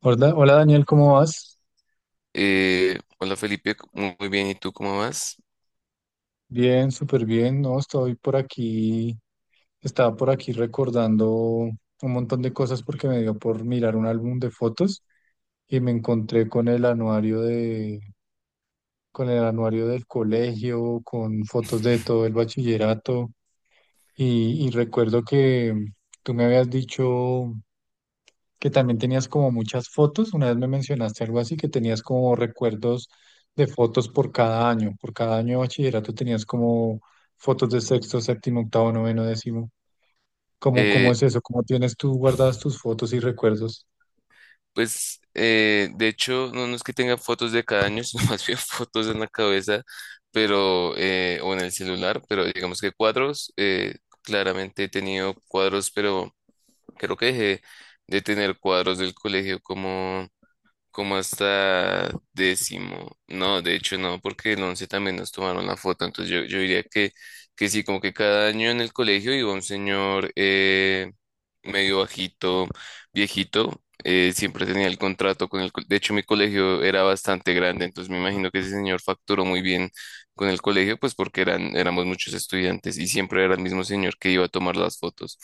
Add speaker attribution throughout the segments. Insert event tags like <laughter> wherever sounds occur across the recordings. Speaker 1: Hola, hola Daniel, ¿cómo vas?
Speaker 2: Hola Felipe, muy muy bien, ¿y tú cómo vas?
Speaker 1: Bien, súper bien, ¿no? Estoy por aquí, estaba por aquí recordando un montón de cosas porque me dio por mirar un álbum de fotos y me encontré con el anuario con el anuario del colegio, con fotos de todo el bachillerato. Y recuerdo que tú me habías dicho que también tenías como muchas fotos. Una vez me mencionaste algo así, que tenías como recuerdos de fotos por cada año. Por cada año de bachillerato tenías como fotos de sexto, séptimo, octavo, noveno, décimo. ¿Cómo
Speaker 2: Eh,
Speaker 1: es eso? ¿Cómo tienes tú guardadas tus fotos y recuerdos?
Speaker 2: de hecho no, no es que tenga fotos de cada año, sino <laughs> más bien fotos en la cabeza, pero o en el celular, pero digamos que cuadros, claramente he tenido cuadros, pero creo que dejé de tener cuadros del colegio como hasta décimo. No, de hecho no, porque el 11 también nos tomaron la foto. Entonces yo diría que sí, como que cada año en el colegio iba un señor medio bajito, viejito. Siempre tenía el contrato con de hecho, mi colegio era bastante grande, entonces me imagino que ese señor facturó muy bien con el colegio, pues porque eran, éramos muchos estudiantes y siempre era el mismo señor que iba a tomar las fotos.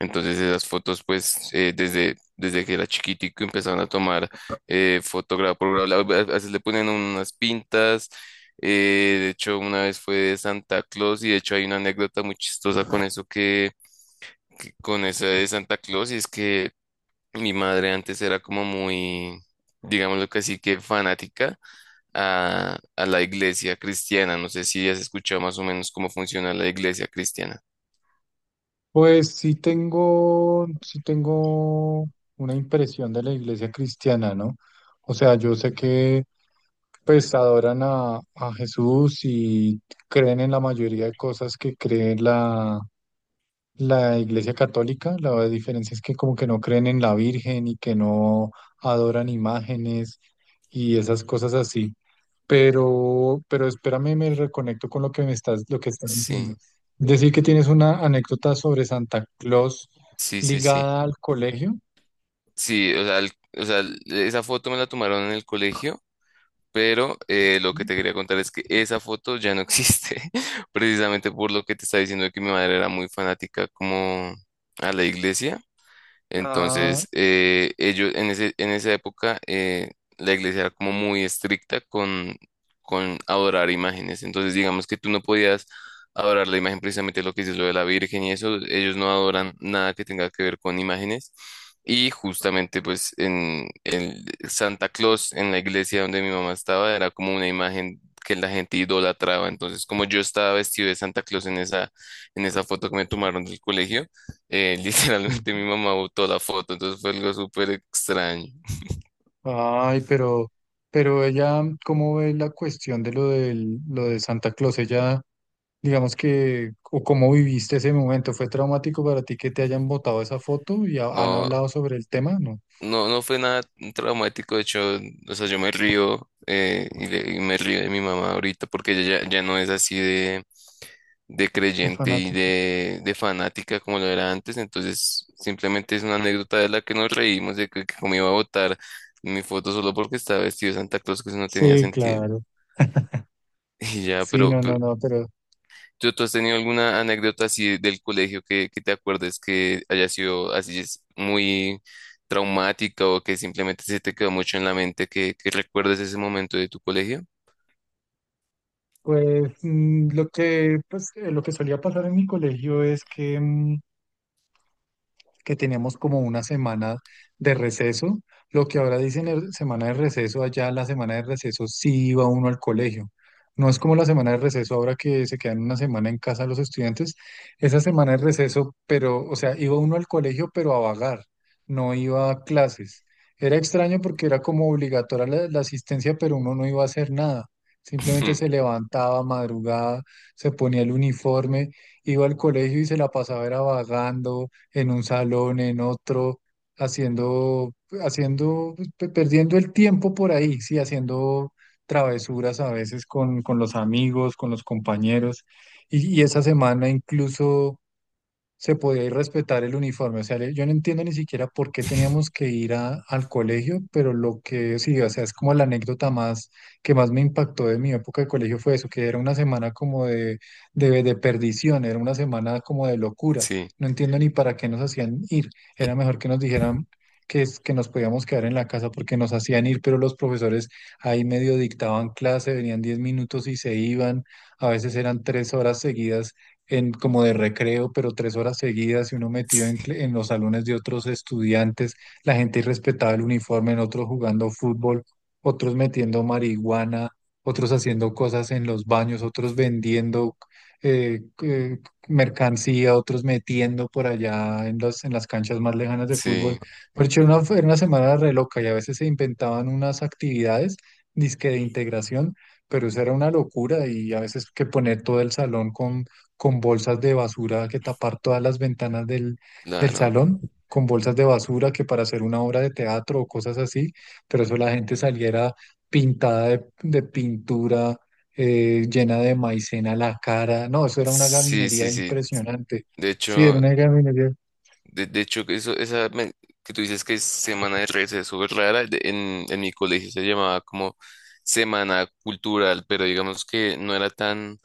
Speaker 2: Entonces esas fotos, pues desde que era chiquitico empezaron a tomar fotografía por grado, a veces le ponen unas pintas. De hecho, una vez fue de Santa Claus y de hecho hay una anécdota muy chistosa con eso que con esa de Santa Claus. Y es que mi madre antes era como muy, digámoslo que así que fanática a la iglesia cristiana. No sé si has escuchado más o menos cómo funciona la iglesia cristiana.
Speaker 1: Sí tengo una impresión de la iglesia cristiana, ¿no? O sea, yo sé que pues adoran a Jesús y creen en la mayoría de cosas que cree la Iglesia Católica. La diferencia es que como que no creen en la Virgen y que no adoran imágenes y esas cosas así. Pero espérame, me reconecto con lo que me lo que estás diciendo.
Speaker 2: Sí,
Speaker 1: Decir que tienes una anécdota sobre Santa Claus
Speaker 2: sí, sí, sí.
Speaker 1: ligada al colegio.
Speaker 2: Sí, o sea, esa foto me la tomaron en el colegio, pero lo que te quería contar es que esa foto ya no existe, <laughs> precisamente por lo que te estaba diciendo de que mi madre era muy fanática como a la iglesia.
Speaker 1: Ah,
Speaker 2: Entonces, ellos en en esa época, la iglesia era como muy estricta con adorar imágenes. Entonces, digamos que tú no podías adorar la imagen, precisamente lo que dices, lo de la Virgen y eso, ellos no adoran nada que tenga que ver con imágenes. Y justamente, pues, en el Santa Claus, en la iglesia donde mi mamá estaba, era como una imagen que la gente idolatraba. Entonces, como yo estaba vestido de Santa Claus en en esa foto que me tomaron del colegio, <laughs> literalmente
Speaker 1: sí.
Speaker 2: mi mamá botó la foto, entonces fue algo súper extraño.
Speaker 1: Ay, pero ella, ¿cómo ve la cuestión de lo lo de Santa Claus? Ella, digamos que, o cómo viviste ese momento, ¿fue traumático para ti que te hayan
Speaker 2: <laughs>
Speaker 1: botado esa foto y han
Speaker 2: No,
Speaker 1: hablado sobre el tema? ¿No?
Speaker 2: no, no fue nada traumático, de hecho, o sea, yo me río y me río de mi mamá ahorita porque ella ya no es así de
Speaker 1: ¿El
Speaker 2: creyente
Speaker 1: fanático?
Speaker 2: de fanática como lo era antes. Entonces simplemente es una anécdota de la que nos reímos, de que como iba a votar mi foto solo porque estaba vestido de Santa Claus, que eso no tenía
Speaker 1: Sí,
Speaker 2: sentido.
Speaker 1: claro.
Speaker 2: <laughs> Y ya,
Speaker 1: Sí,
Speaker 2: pero,
Speaker 1: no, no, no, pero
Speaker 2: Tú has tenido alguna anécdota así del colegio que te acuerdes que haya sido así es muy traumática o que simplemente se te quedó mucho en la mente que recuerdes ese momento de tu colegio?
Speaker 1: pues lo que, pues, lo que solía pasar en mi colegio es que que teníamos como una semana de receso. Lo que ahora dicen es semana de receso, allá la semana de receso sí iba uno al colegio. No es como la semana de receso ahora que se quedan una semana en casa los estudiantes. Esa semana de receso, pero, o sea, iba uno al colegio, pero a vagar, no iba a clases. Era extraño porque era como obligatoria la asistencia, pero uno no iba a hacer nada. Simplemente se
Speaker 2: <laughs>
Speaker 1: levantaba madrugada, se ponía el uniforme, iba al colegio y se la pasaba era vagando, en un salón, en otro, haciendo, pues, perdiendo el tiempo por ahí, sí, haciendo travesuras a veces con los amigos, con los compañeros. Y esa semana incluso se podía ir respetar el uniforme. O sea, yo no entiendo ni siquiera por qué teníamos que al colegio, pero lo que sí, o sea, es como la anécdota más que más me impactó de mi época de colegio fue eso, que era una semana como de perdición, era una semana como de locura.
Speaker 2: Sí,
Speaker 1: No entiendo ni para qué nos hacían ir. Era mejor que nos dijeran que nos podíamos quedar en la casa porque nos hacían ir, pero los profesores ahí medio dictaban clase, venían 10 minutos y se iban. A veces eran tres horas seguidas como de recreo, pero tres horas seguidas y uno metido
Speaker 2: sí,
Speaker 1: en los salones de otros estudiantes, la gente irrespetaba el uniforme, en otros jugando fútbol, otros metiendo marihuana, otros haciendo cosas en los baños, otros vendiendo eh, eh, mercancía, otros metiendo por allá en en las canchas más lejanas de fútbol.
Speaker 2: sí,
Speaker 1: Pero era era una semana re loca y a veces se inventaban unas actividades, dizque de integración, pero eso era una locura y a veces que poner todo el salón con bolsas de basura, que tapar todas las ventanas del
Speaker 2: claro.
Speaker 1: salón, con bolsas de basura, que para hacer una obra de teatro o cosas así, pero eso la gente saliera pintada de pintura, llena de maicena la cara, no, eso era una
Speaker 2: Sí,
Speaker 1: gaminería
Speaker 2: sí, sí.
Speaker 1: impresionante,
Speaker 2: De
Speaker 1: sí, era
Speaker 2: hecho,
Speaker 1: una gaminería.
Speaker 2: De hecho, que eso, esa men- que tú dices que es semana de receso es rara, en mi colegio se llamaba como semana cultural, pero digamos que no era tan,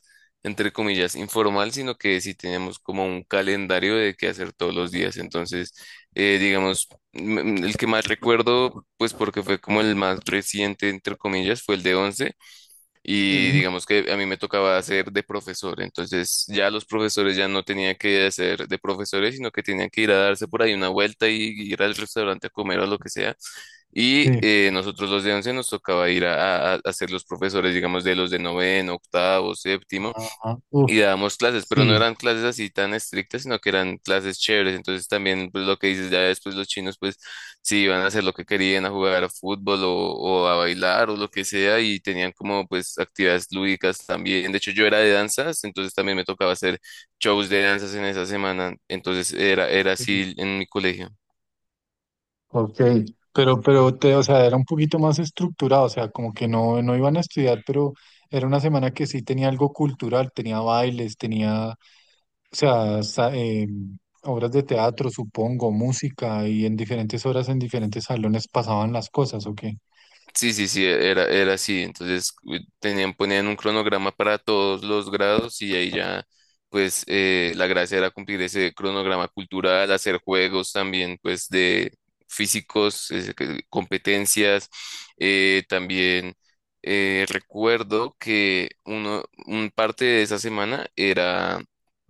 Speaker 2: entre comillas, informal, sino que sí teníamos como un calendario de qué hacer todos los días. Entonces, digamos, el que más recuerdo, pues porque fue como el más reciente, entre comillas, fue el de 11 y
Speaker 1: Ujú.
Speaker 2: digamos que a mí me tocaba hacer de profesor, entonces ya los profesores ya no tenían que hacer de profesores, sino que tenían que ir a darse por ahí una vuelta y ir al restaurante a comer o lo que sea. Y
Speaker 1: Sí.
Speaker 2: nosotros los de once nos tocaba ir a ser los profesores, digamos, de los de noveno, octavo, séptimo
Speaker 1: Ajá, uf,
Speaker 2: y dábamos clases, pero no
Speaker 1: sí.
Speaker 2: eran clases así tan estrictas, sino que eran clases chéveres. Entonces también, pues lo que dices, ya después los chinos, pues sí iban a hacer lo que querían, a jugar a fútbol o a bailar o lo que sea, y tenían como pues actividades lúdicas también. De hecho, yo era de danzas, entonces también me tocaba hacer shows de danzas en esa semana. Entonces era, era así en mi colegio.
Speaker 1: Ok, pero te, o sea, era un poquito más estructurado, o sea, como que no, no iban a estudiar, pero era una semana que sí tenía algo cultural, tenía bailes, tenía, o sea, obras de teatro, supongo, música, y en diferentes horas, en diferentes salones pasaban las cosas, ¿o qué?
Speaker 2: Sí, sí, sí, era, era así. Entonces tenían, ponían un cronograma para todos los grados y ahí ya, pues la gracia era cumplir ese cronograma cultural, hacer juegos también, pues de físicos, competencias. También recuerdo que un parte de esa semana era,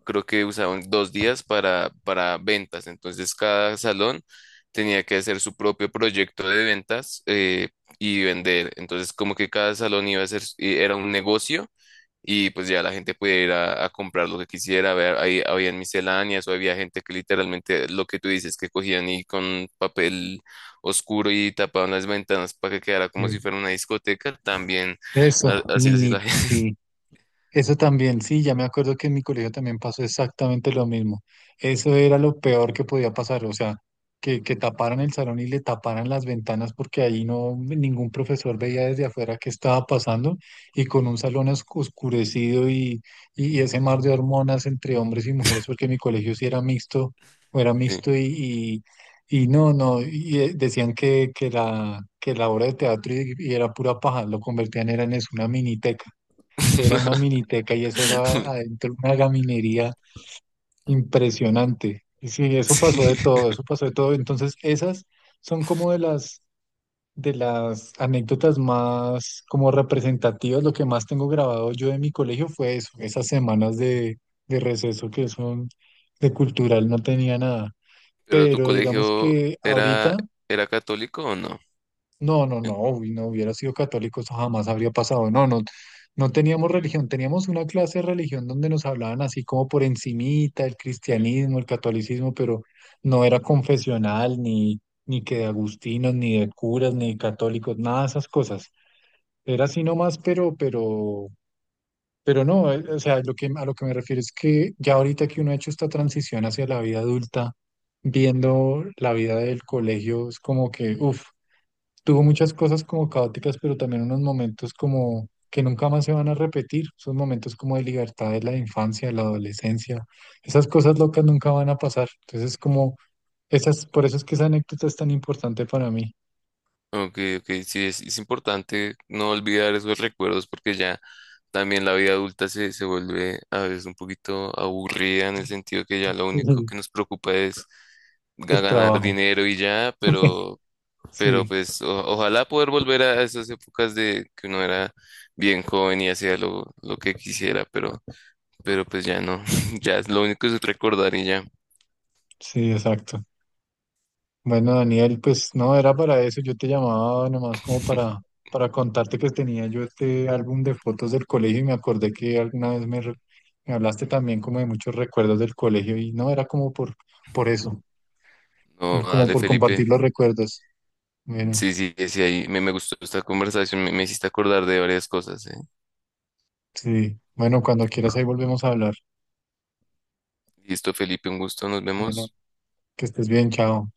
Speaker 2: creo que usaban dos días para ventas. Entonces cada salón tenía que hacer su propio proyecto de ventas. Y vender. Entonces, como que cada salón iba a ser, era un negocio y pues ya la gente podía ir a comprar lo que quisiera. Ver, ahí habían misceláneas o había gente que literalmente lo que tú dices, que cogían y con papel oscuro y tapaban las ventanas para que quedara como si
Speaker 1: Sí.
Speaker 2: fuera una discoteca. También
Speaker 1: Eso,
Speaker 2: así así la
Speaker 1: mini,
Speaker 2: gente.
Speaker 1: eso también, sí, ya me acuerdo que en mi colegio también pasó exactamente lo mismo. Eso era lo peor que podía pasar, o sea, que taparan el salón y le taparan las ventanas porque ahí no ningún profesor veía desde afuera qué estaba pasando y con un salón oscurecido y ese mar de hormonas entre hombres y mujeres, porque mi colegio sí era mixto o era mixto
Speaker 2: <laughs>
Speaker 1: y no, no, y decían que que la obra de teatro y era pura paja, lo convertían era en eso, una miniteca,
Speaker 2: Sí.
Speaker 1: era una miniteca y eso era
Speaker 2: <laughs>
Speaker 1: adentro una gaminería impresionante. Y sí, eso
Speaker 2: Sí.
Speaker 1: pasó de todo, eso pasó de todo. Entonces, esas son como de las anécdotas más como representativas. Lo que más tengo grabado yo de mi colegio fue eso, esas semanas de receso que son de cultural, no tenía nada.
Speaker 2: Pero tu
Speaker 1: Pero digamos
Speaker 2: colegio
Speaker 1: que
Speaker 2: era,
Speaker 1: ahorita
Speaker 2: ¿era católico o no?
Speaker 1: no, no, no, uy, no hubiera sido católico, eso jamás habría pasado. No, no, no teníamos religión, teníamos una clase de religión donde nos hablaban así como por encimita, el cristianismo, el catolicismo, pero no era confesional, ni que de agustinos, ni de curas, ni de católicos, nada de esas cosas. Era así nomás, pero no, o sea, lo que, a lo que me refiero es que ya ahorita que uno ha hecho esta transición hacia la vida adulta, viendo la vida del colegio, es como que, uff. Tuvo muchas cosas como caóticas, pero también unos momentos como que nunca más se van a repetir. Esos momentos como de libertad de la infancia, de la adolescencia. Esas cosas locas nunca van a pasar. Entonces, como esas, por eso es que esa anécdota es tan importante para mí.
Speaker 2: Ok, ok, sí, es importante no olvidar esos recuerdos porque ya también la vida adulta se, se vuelve a veces un poquito aburrida en el sentido que ya lo único
Speaker 1: <laughs>
Speaker 2: que nos preocupa es
Speaker 1: El
Speaker 2: ganar
Speaker 1: trabajo.
Speaker 2: dinero y ya, pero
Speaker 1: Sí,
Speaker 2: pues ojalá poder volver a esas épocas de que uno era bien joven y hacía lo que quisiera, pero pues ya no, <laughs> ya es lo único es recordar y ya.
Speaker 1: sí, exacto. Bueno, Daniel, pues no era para eso, yo te llamaba nomás como
Speaker 2: <laughs>
Speaker 1: para contarte que tenía yo este álbum de fotos del colegio y me acordé que alguna vez me, me hablaste también como de muchos recuerdos del colegio y no era como por eso,
Speaker 2: No,
Speaker 1: como
Speaker 2: dale,
Speaker 1: por
Speaker 2: Felipe.
Speaker 1: compartir los recuerdos. Bueno,
Speaker 2: Sí, sí, sí, sí, ahí me gustó esta conversación, me hiciste acordar de varias cosas, ¿eh?
Speaker 1: sí, bueno, cuando quieras ahí volvemos a hablar.
Speaker 2: Listo, Felipe, un gusto, nos
Speaker 1: Bueno,
Speaker 2: vemos.
Speaker 1: que estés bien, chao.